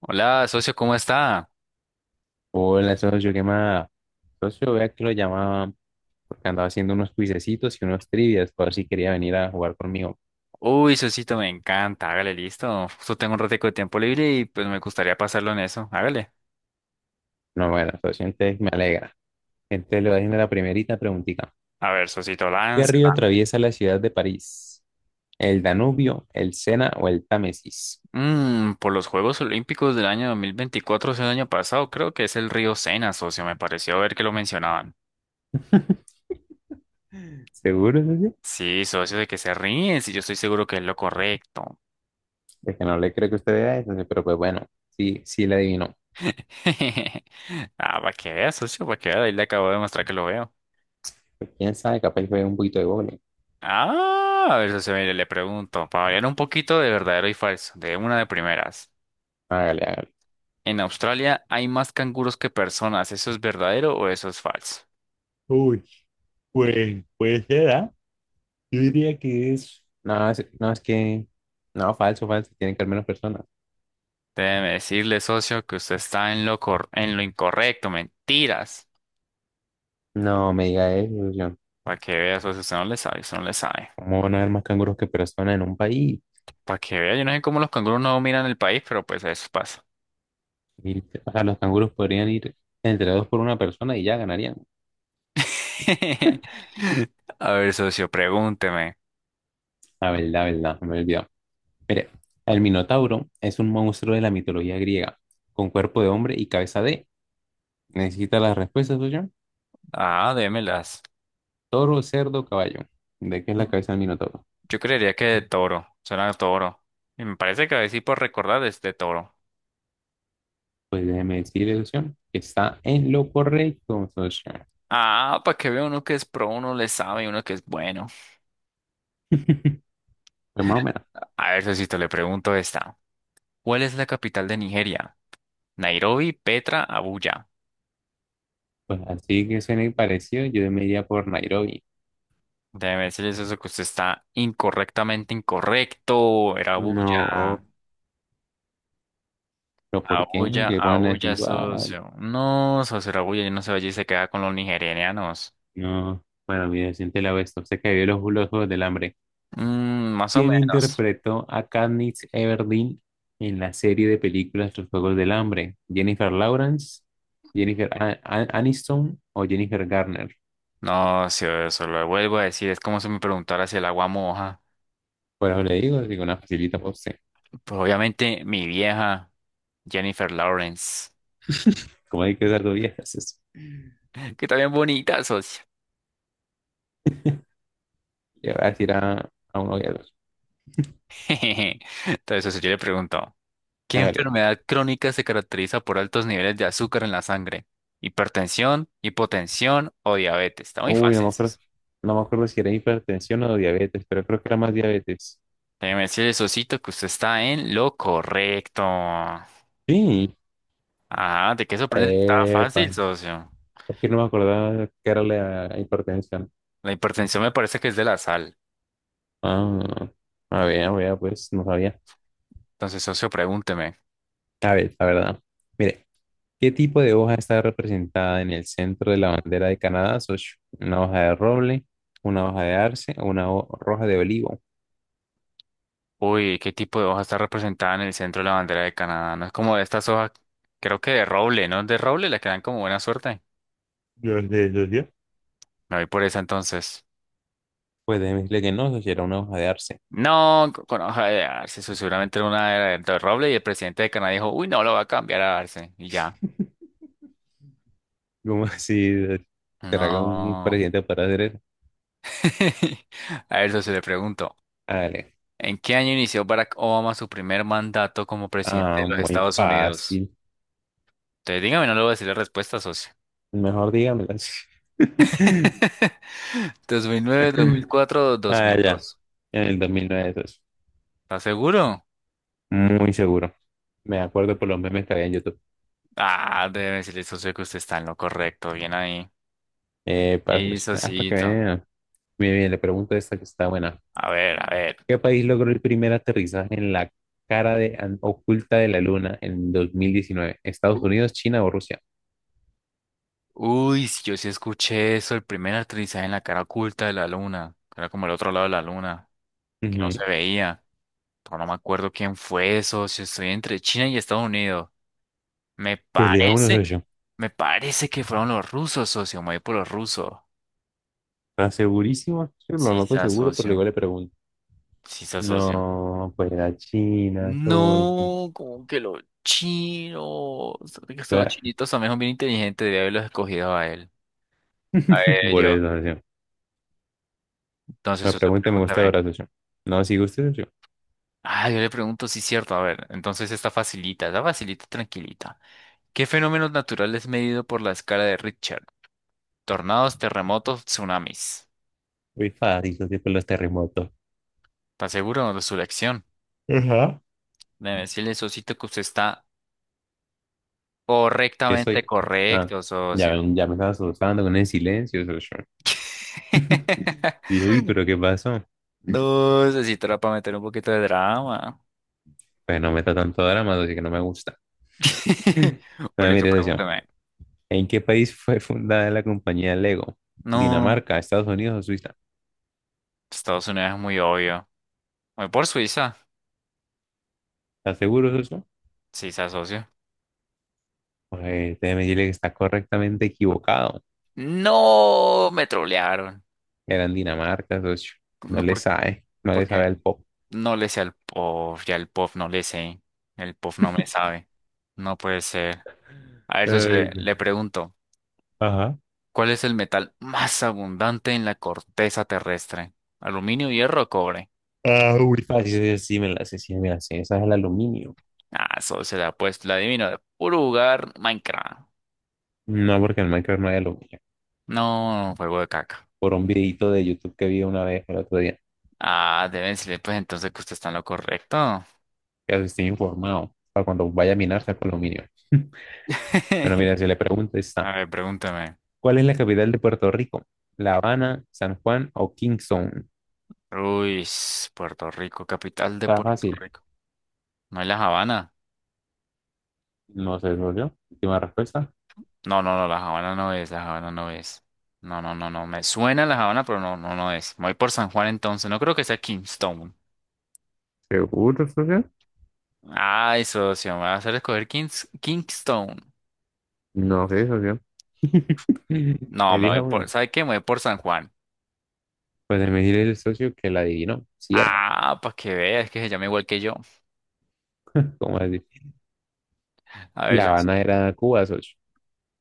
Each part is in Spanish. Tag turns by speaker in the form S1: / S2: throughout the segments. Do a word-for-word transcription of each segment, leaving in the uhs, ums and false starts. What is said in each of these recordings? S1: Hola, socio, ¿cómo está?
S2: Hola, socio, ¿qué más? Socio, vea que lo llamaba porque andaba haciendo unos cuisecitos y unos trivias, por si quería venir a jugar conmigo.
S1: Uy, socito, me encanta. Hágale, listo. Justo tengo un ratico de tiempo libre y pues me gustaría pasarlo en eso. Hágale.
S2: No, bueno, socio, entonces me alegra. Entonces le voy haciendo la primerita preguntita.
S1: A ver, socito,
S2: ¿Qué río
S1: láncela.
S2: atraviesa la ciudad de París? ¿El Danubio, el Sena o el Támesis?
S1: Mm, por los Juegos Olímpicos del año dos mil veinticuatro, o sea, el año pasado, creo que es el río Sena, socio. Me pareció ver que lo mencionaban.
S2: ¿Seguro, socio?
S1: Sí, socio, de que se ríen, si yo estoy seguro que es lo correcto.
S2: Es que no le creo que usted vea eso, socio, pero pues bueno, sí, sí le adivinó.
S1: Ah, para que vea, socio, para que vea. Ahí le acabo de mostrar que lo veo.
S2: Pues, quién sabe, capaz fue un poquito de vole.
S1: Ah, a ver, socio, mire, le pregunto, para variar un poquito de verdadero y falso, de una de primeras.
S2: Hágale, hágale.
S1: En Australia hay más canguros que personas. ¿Eso es verdadero o eso es falso?
S2: Uy, pues puede ser, ¿ah? Yo diría que es, No, es, no, es que, no, falso, falso, tienen que haber menos personas.
S1: Déjeme decirle, socio, que usted está en lo cor- en lo incorrecto. Mentiras.
S2: No, me diga eso, John.
S1: Para que vea, socio, usted no le sabe, usted no le sabe.
S2: ¿Cómo van a haber más canguros que personas en un país?
S1: Para que vea, yo no sé cómo los canguros no miran el país, pero pues eso pasa.
S2: Y, o sea, los canguros podrían ir entre dos por una persona y ya ganarían.
S1: A ver, socio, pregúnteme.
S2: La verdad, verdad, me he olvidado. Mire, el Minotauro es un monstruo de la mitología griega, con cuerpo de hombre y cabeza de... ¿Necesita las respuestas, no, John?
S1: Ah, démelas.
S2: Toro, cerdo, caballo. ¿De qué es la
S1: Mm.
S2: cabeza del Minotauro?
S1: Yo creería que de toro. Suena a toro. Y me parece que a decir por recordar es de toro.
S2: Pues déjeme decirle, no, John, que está en lo correcto, ¿no, John?
S1: Ah, para que vea uno que es pro, uno le sabe, uno que es bueno.
S2: Pues más o menos.
S1: A ver, Sosito, le pregunto esta. ¿Cuál es la capital de Nigeria? Nairobi, Petra, Abuya.
S2: Pues así que suene parecido, yo me iría por Nairobi.
S1: Déjeme decirles eso que usted está incorrectamente incorrecto. Era Abuya.
S2: No, ¿pero por qué?
S1: Abuya,
S2: Que pongan
S1: Abuya,
S2: así.
S1: socio. No, socio, era Abuya. Yo no sé, allí se queda con los nigerianos.
S2: No. Bueno, mira, siente la vez. Se cayó los los Juegos del Hambre.
S1: Mm, más o
S2: ¿Quién
S1: menos.
S2: interpretó a Katniss Everdeen en la serie de películas Los Juegos del Hambre? ¿Jennifer Lawrence, ¿Jennifer A- A- Aniston? O Jennifer Garner?
S1: No, si eso lo vuelvo a decir, es como si me preguntara si el agua moja.
S2: Por eso le digo, digo una facilita por usted.
S1: Pues obviamente mi vieja, Jennifer Lawrence,
S2: Como hay que dar dos viejas, eso.
S1: que está bien bonita, socio.
S2: Le voy a decir a, a uno de
S1: Entonces, socio, yo le pregunto. ¿Qué
S2: los.
S1: enfermedad crónica se caracteriza por altos niveles de azúcar en la sangre? Hipertensión, hipotensión o diabetes. Está muy
S2: Uy, no
S1: fácil
S2: me acuerdo,
S1: eso.
S2: no me acuerdo si era hipertensión o diabetes, pero creo que era más diabetes.
S1: Déjeme decirle, Sosito, que usted está en lo correcto. Ajá,
S2: Sí,
S1: ¿de qué sorprende? Estaba fácil,
S2: epa,
S1: socio.
S2: es que no me acordaba que era la hipertensión.
S1: La hipertensión me parece que es de la sal.
S2: Ah, a ver, a ver, pues no sabía.
S1: Entonces, socio, pregúnteme.
S2: A ver, la verdad. Mire, ¿qué tipo de hoja está representada en el centro de la bandera de Canadá, socio? ¿Una hoja de roble, una hoja de arce o una ho- hoja de olivo?
S1: Uy, ¿qué tipo de hoja está representada en el centro de la bandera de Canadá? No es como de estas hojas, creo que de roble, ¿no? De roble le quedan como buena suerte.
S2: Yo sé, yo sé.
S1: Me voy por esa entonces.
S2: Pues déjeme decirle que no, socio, era una hoja de arce.
S1: No, co- conozco a Arce, su- seguramente era una era de Roble y el presidente de Canadá dijo, uy, no, lo va a cambiar a Arce. Y ya.
S2: ¿Cómo así? ¿Será que un
S1: No.
S2: presidente podrá hacer eso?
S1: A ver, socio, le pregunto,
S2: Hágale.
S1: ¿en qué año inició Barack Obama su primer mandato como presidente de
S2: Ah,
S1: los
S2: muy
S1: Estados Unidos?
S2: fácil.
S1: Entonces, dígame, no le voy a decir la respuesta, socio.
S2: Mejor dígamelas.
S1: dos mil nueve, dos mil cuatro,
S2: Ah, ya.
S1: dos mil dos.
S2: En el dos mil nueve eso es.
S1: ¿Estás seguro?
S2: Muy seguro. Me acuerdo por los memes que había en YouTube.
S1: Ah, debe decirle, socio, que usted está en lo correcto. Bien ahí.
S2: Eh, pa-
S1: Y,
S2: pues, ah, para, hasta que
S1: socito.
S2: vean. Bien, bien, le pregunto esta que está buena.
S1: A ver, a ver.
S2: ¿Qué país logró el primer aterrizaje en la cara de, an- oculta de la luna en dos mil diecinueve? ¿Estados Unidos, China o Rusia?
S1: Uy, sí, yo sí escuché eso, el primer aterrizaje en la cara oculta de la luna, que era como el otro lado de la luna, que no
S2: Ujú.
S1: se veía, pero no me acuerdo quién fue eso, si estoy entre China y Estados Unidos. Me
S2: Pues le hago uno de
S1: parece,
S2: ellos.
S1: me parece que fueron los rusos, socio, me voy por los rusos.
S2: ¿Está segurísimo? Yo lo
S1: Sí se
S2: noto seguro, pero
S1: asocio,
S2: igual le pregunto.
S1: sí se asocio.
S2: No, pues la China, soy.
S1: No, como que los chinos, sabe que estos chinitos también son bien inteligentes, debía haberlos escogido a él. A
S2: Por
S1: ellos.
S2: eso, socio.
S1: Entonces,
S2: La
S1: socio,
S2: pregunta me gusta
S1: pregúntame.
S2: ahora, socio. No, si gusta, socio.
S1: Ah, yo le pregunto si es cierto. A ver, entonces está facilita, está facilita tranquilita. ¿Qué fenómeno natural es medido por la escala de Richter? Tornados, terremotos, tsunamis.
S2: Muy fácil, socio, con los terremotos.
S1: ¿Está seguro de su elección?
S2: Ajá.
S1: Debe decirle, socito, que usted está
S2: ¿Qué
S1: correctamente
S2: soy? Ah,
S1: correcto,
S2: ya,
S1: socio.
S2: ven, ya me estaba asustando con el silencio, socio. Y dije, uy, pero ¿qué pasó?
S1: No, socito, era para meter un poquito de drama.
S2: Pues no meta tanto drama, así que no me gusta.
S1: O
S2: Bueno,
S1: listo,
S2: mire, socio.
S1: pregúntame.
S2: ¿En qué país fue fundada la compañía Lego?
S1: No,
S2: ¿Dinamarca, Estados Unidos o Suiza?
S1: Estados Unidos es muy obvio. Voy por Suiza.
S2: ¿Estás seguro, socio?
S1: Sí, se asocio.
S2: Pues déjeme decirle que está correctamente equivocado.
S1: No, me trolearon.
S2: Era en Dinamarca, socio. No
S1: No,
S2: le
S1: por-
S2: sabe, no le sabe
S1: Porque
S2: al pop.
S1: no le sé al pop, ya el pop no le sé, el pop no me sabe, no puede ser. A ver, socio,
S2: Ay,
S1: le,
S2: no.
S1: le pregunto,
S2: Ajá.
S1: ¿cuál es el metal más abundante en la corteza terrestre? ¿Aluminio, hierro o cobre?
S2: Ah, muy fácil. Sí, sí, me la sé, sí, me la sé. Esa es el aluminio.
S1: Ah, socio, la puesto, la adivino de puro lugar, Minecraft.
S2: No, porque en Minecraft no hay aluminio.
S1: No, juego de caca.
S2: Por un videito de YouTube que vi una vez el otro día.
S1: Ah, deben decirle, pues entonces que usted está en lo correcto.
S2: Ya estoy informado para cuando vaya a minar saco aluminio. Bueno, mira, si le pregunto
S1: A
S2: está.
S1: ver, pregúntame.
S2: ¿Cuál es la capital de Puerto Rico? ¿La Habana, San Juan o Kingston?
S1: Uy, Puerto Rico, capital de
S2: Está
S1: Puerto
S2: fácil.
S1: Rico. ¿No es La Habana?
S2: No sé, socio. Última respuesta.
S1: No, no, no, la Habana no es, la Habana no es. No, no, no, no, me suena la Habana, pero no, no, no es. Me voy por San Juan entonces, no creo que sea Kingston.
S2: ¿Seguro, socio?
S1: Ay, socio, me va a hacer escoger Kings- Kingston.
S2: No sé, socio.
S1: No, me
S2: Elija
S1: voy por,
S2: uno.
S1: ¿sabe qué? Me voy por San Juan.
S2: Pues se me dice el socio que la adivinó. Sí era.
S1: Ah, para que veas que se llama igual que yo.
S2: ¿Cómo así?
S1: A
S2: Y
S1: ver,
S2: La Habana
S1: socio.
S2: era Cuba, socio.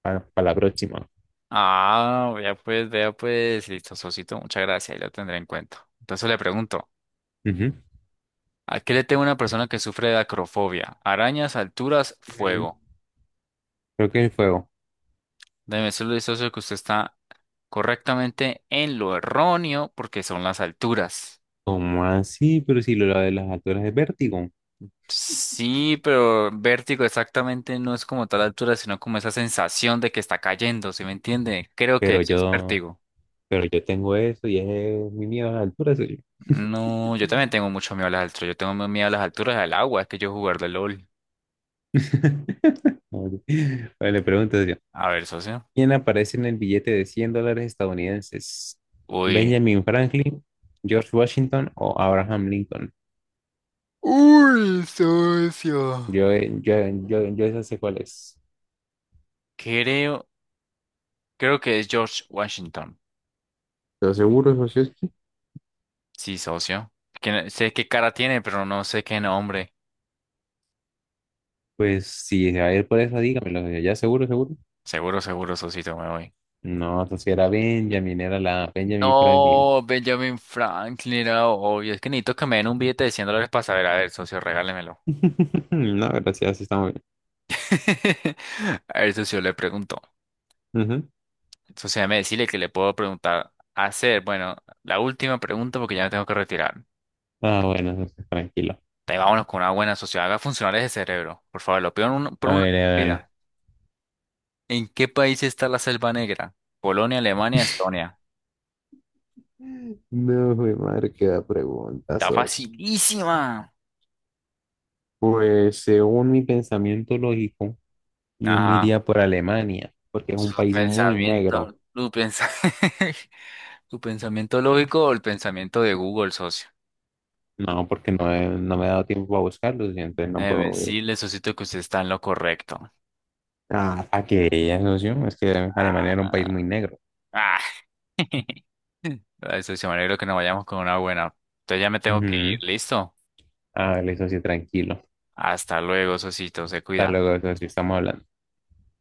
S2: Para la próxima.
S1: Ah, vea pues, vea pues, listo, socito, muchas gracias, ahí lo tendré en cuenta. Entonces le pregunto,
S2: Ujú.
S1: ¿a qué le teme una persona que sufre de acrofobia? Arañas, alturas,
S2: Ujú.
S1: fuego.
S2: Creo que el fuego.
S1: Déjeme decirle, socio que usted está correctamente en lo erróneo porque son las alturas.
S2: ¿Cómo así? Pero si lo de las alturas es vértigo.
S1: Sí, pero vértigo exactamente no es como tal altura, sino como esa sensación de que está cayendo, ¿sí me entiende? Creo que
S2: Pero
S1: eso es
S2: yo,
S1: vértigo.
S2: pero yo tengo eso y es mi miedo a las alturas, socio.
S1: No, yo también tengo mucho miedo a las alturas. Yo tengo miedo a las alturas del agua, es que yo jugar de L O L.
S2: Bueno, le pregunto, socio.
S1: A ver, socio.
S2: ¿Quién aparece en el billete de cien dólares estadounidenses?
S1: Uy.
S2: ¿Benjamin Franklin, George Washington o Abraham Lincoln?
S1: Uy, socio.
S2: Yo, yo, yo, yo esa sé cuál es.
S1: Creo, creo que es George Washington.
S2: ¿Estás seguro, Sosieski?
S1: Sí, socio. Que no- sé qué cara tiene, pero no sé qué nombre.
S2: Pues si se va a ir por eso, dígamelo. ¿Ya seguro, seguro?
S1: Seguro, seguro, Sosito, me voy.
S2: No, entonces era Benjamin, era la Benjamin Franklin.
S1: No, Benjamin Franklin era obvio. Es que necesito que me den un billete de cien dólares para saber. A ver, socio, regálemelo.
S2: No, gracias, sí está muy bien.
S1: A ver, socio, le pregunto.
S2: Ujú.
S1: Socio, déjame decirle que le puedo preguntar. Hacer, bueno, la última pregunta porque ya me tengo que retirar.
S2: Ah, bueno, entonces tranquilo.
S1: Te vámonos con una buena socio Haga funcionar ese cerebro. Por favor, lo pido en un- por
S2: A
S1: una
S2: ver, dale.
S1: vida. ¿En qué país está la Selva Negra? Polonia, Alemania, Estonia.
S2: No, mi madre, qué da pregunta,
S1: Está
S2: socio.
S1: facilísima.
S2: Pues según mi pensamiento lógico, yo me
S1: Ajá.
S2: iría por Alemania, porque es un
S1: Su
S2: país muy negro.
S1: pensamiento, tu pensamiento. ¿Tu pensamiento lógico o el pensamiento de Google, socio?
S2: No, porque no he, no me he dado tiempo a buscarlo, y entonces no
S1: Déjeme
S2: puedo...
S1: decirle, socito, que usted está en lo correcto.
S2: Ah, a que ella, socio, es que Alemania era un país
S1: Ah,
S2: muy negro.
S1: ah. Ay, socio, me alegro que nos vayamos con una buena. Entonces ya me tengo que ir,
S2: Ujú.
S1: ¿listo?
S2: Ah, vale, socio, tranquilo.
S1: Hasta luego, socito, se
S2: Hasta
S1: cuida.
S2: luego, socio, estamos hablando.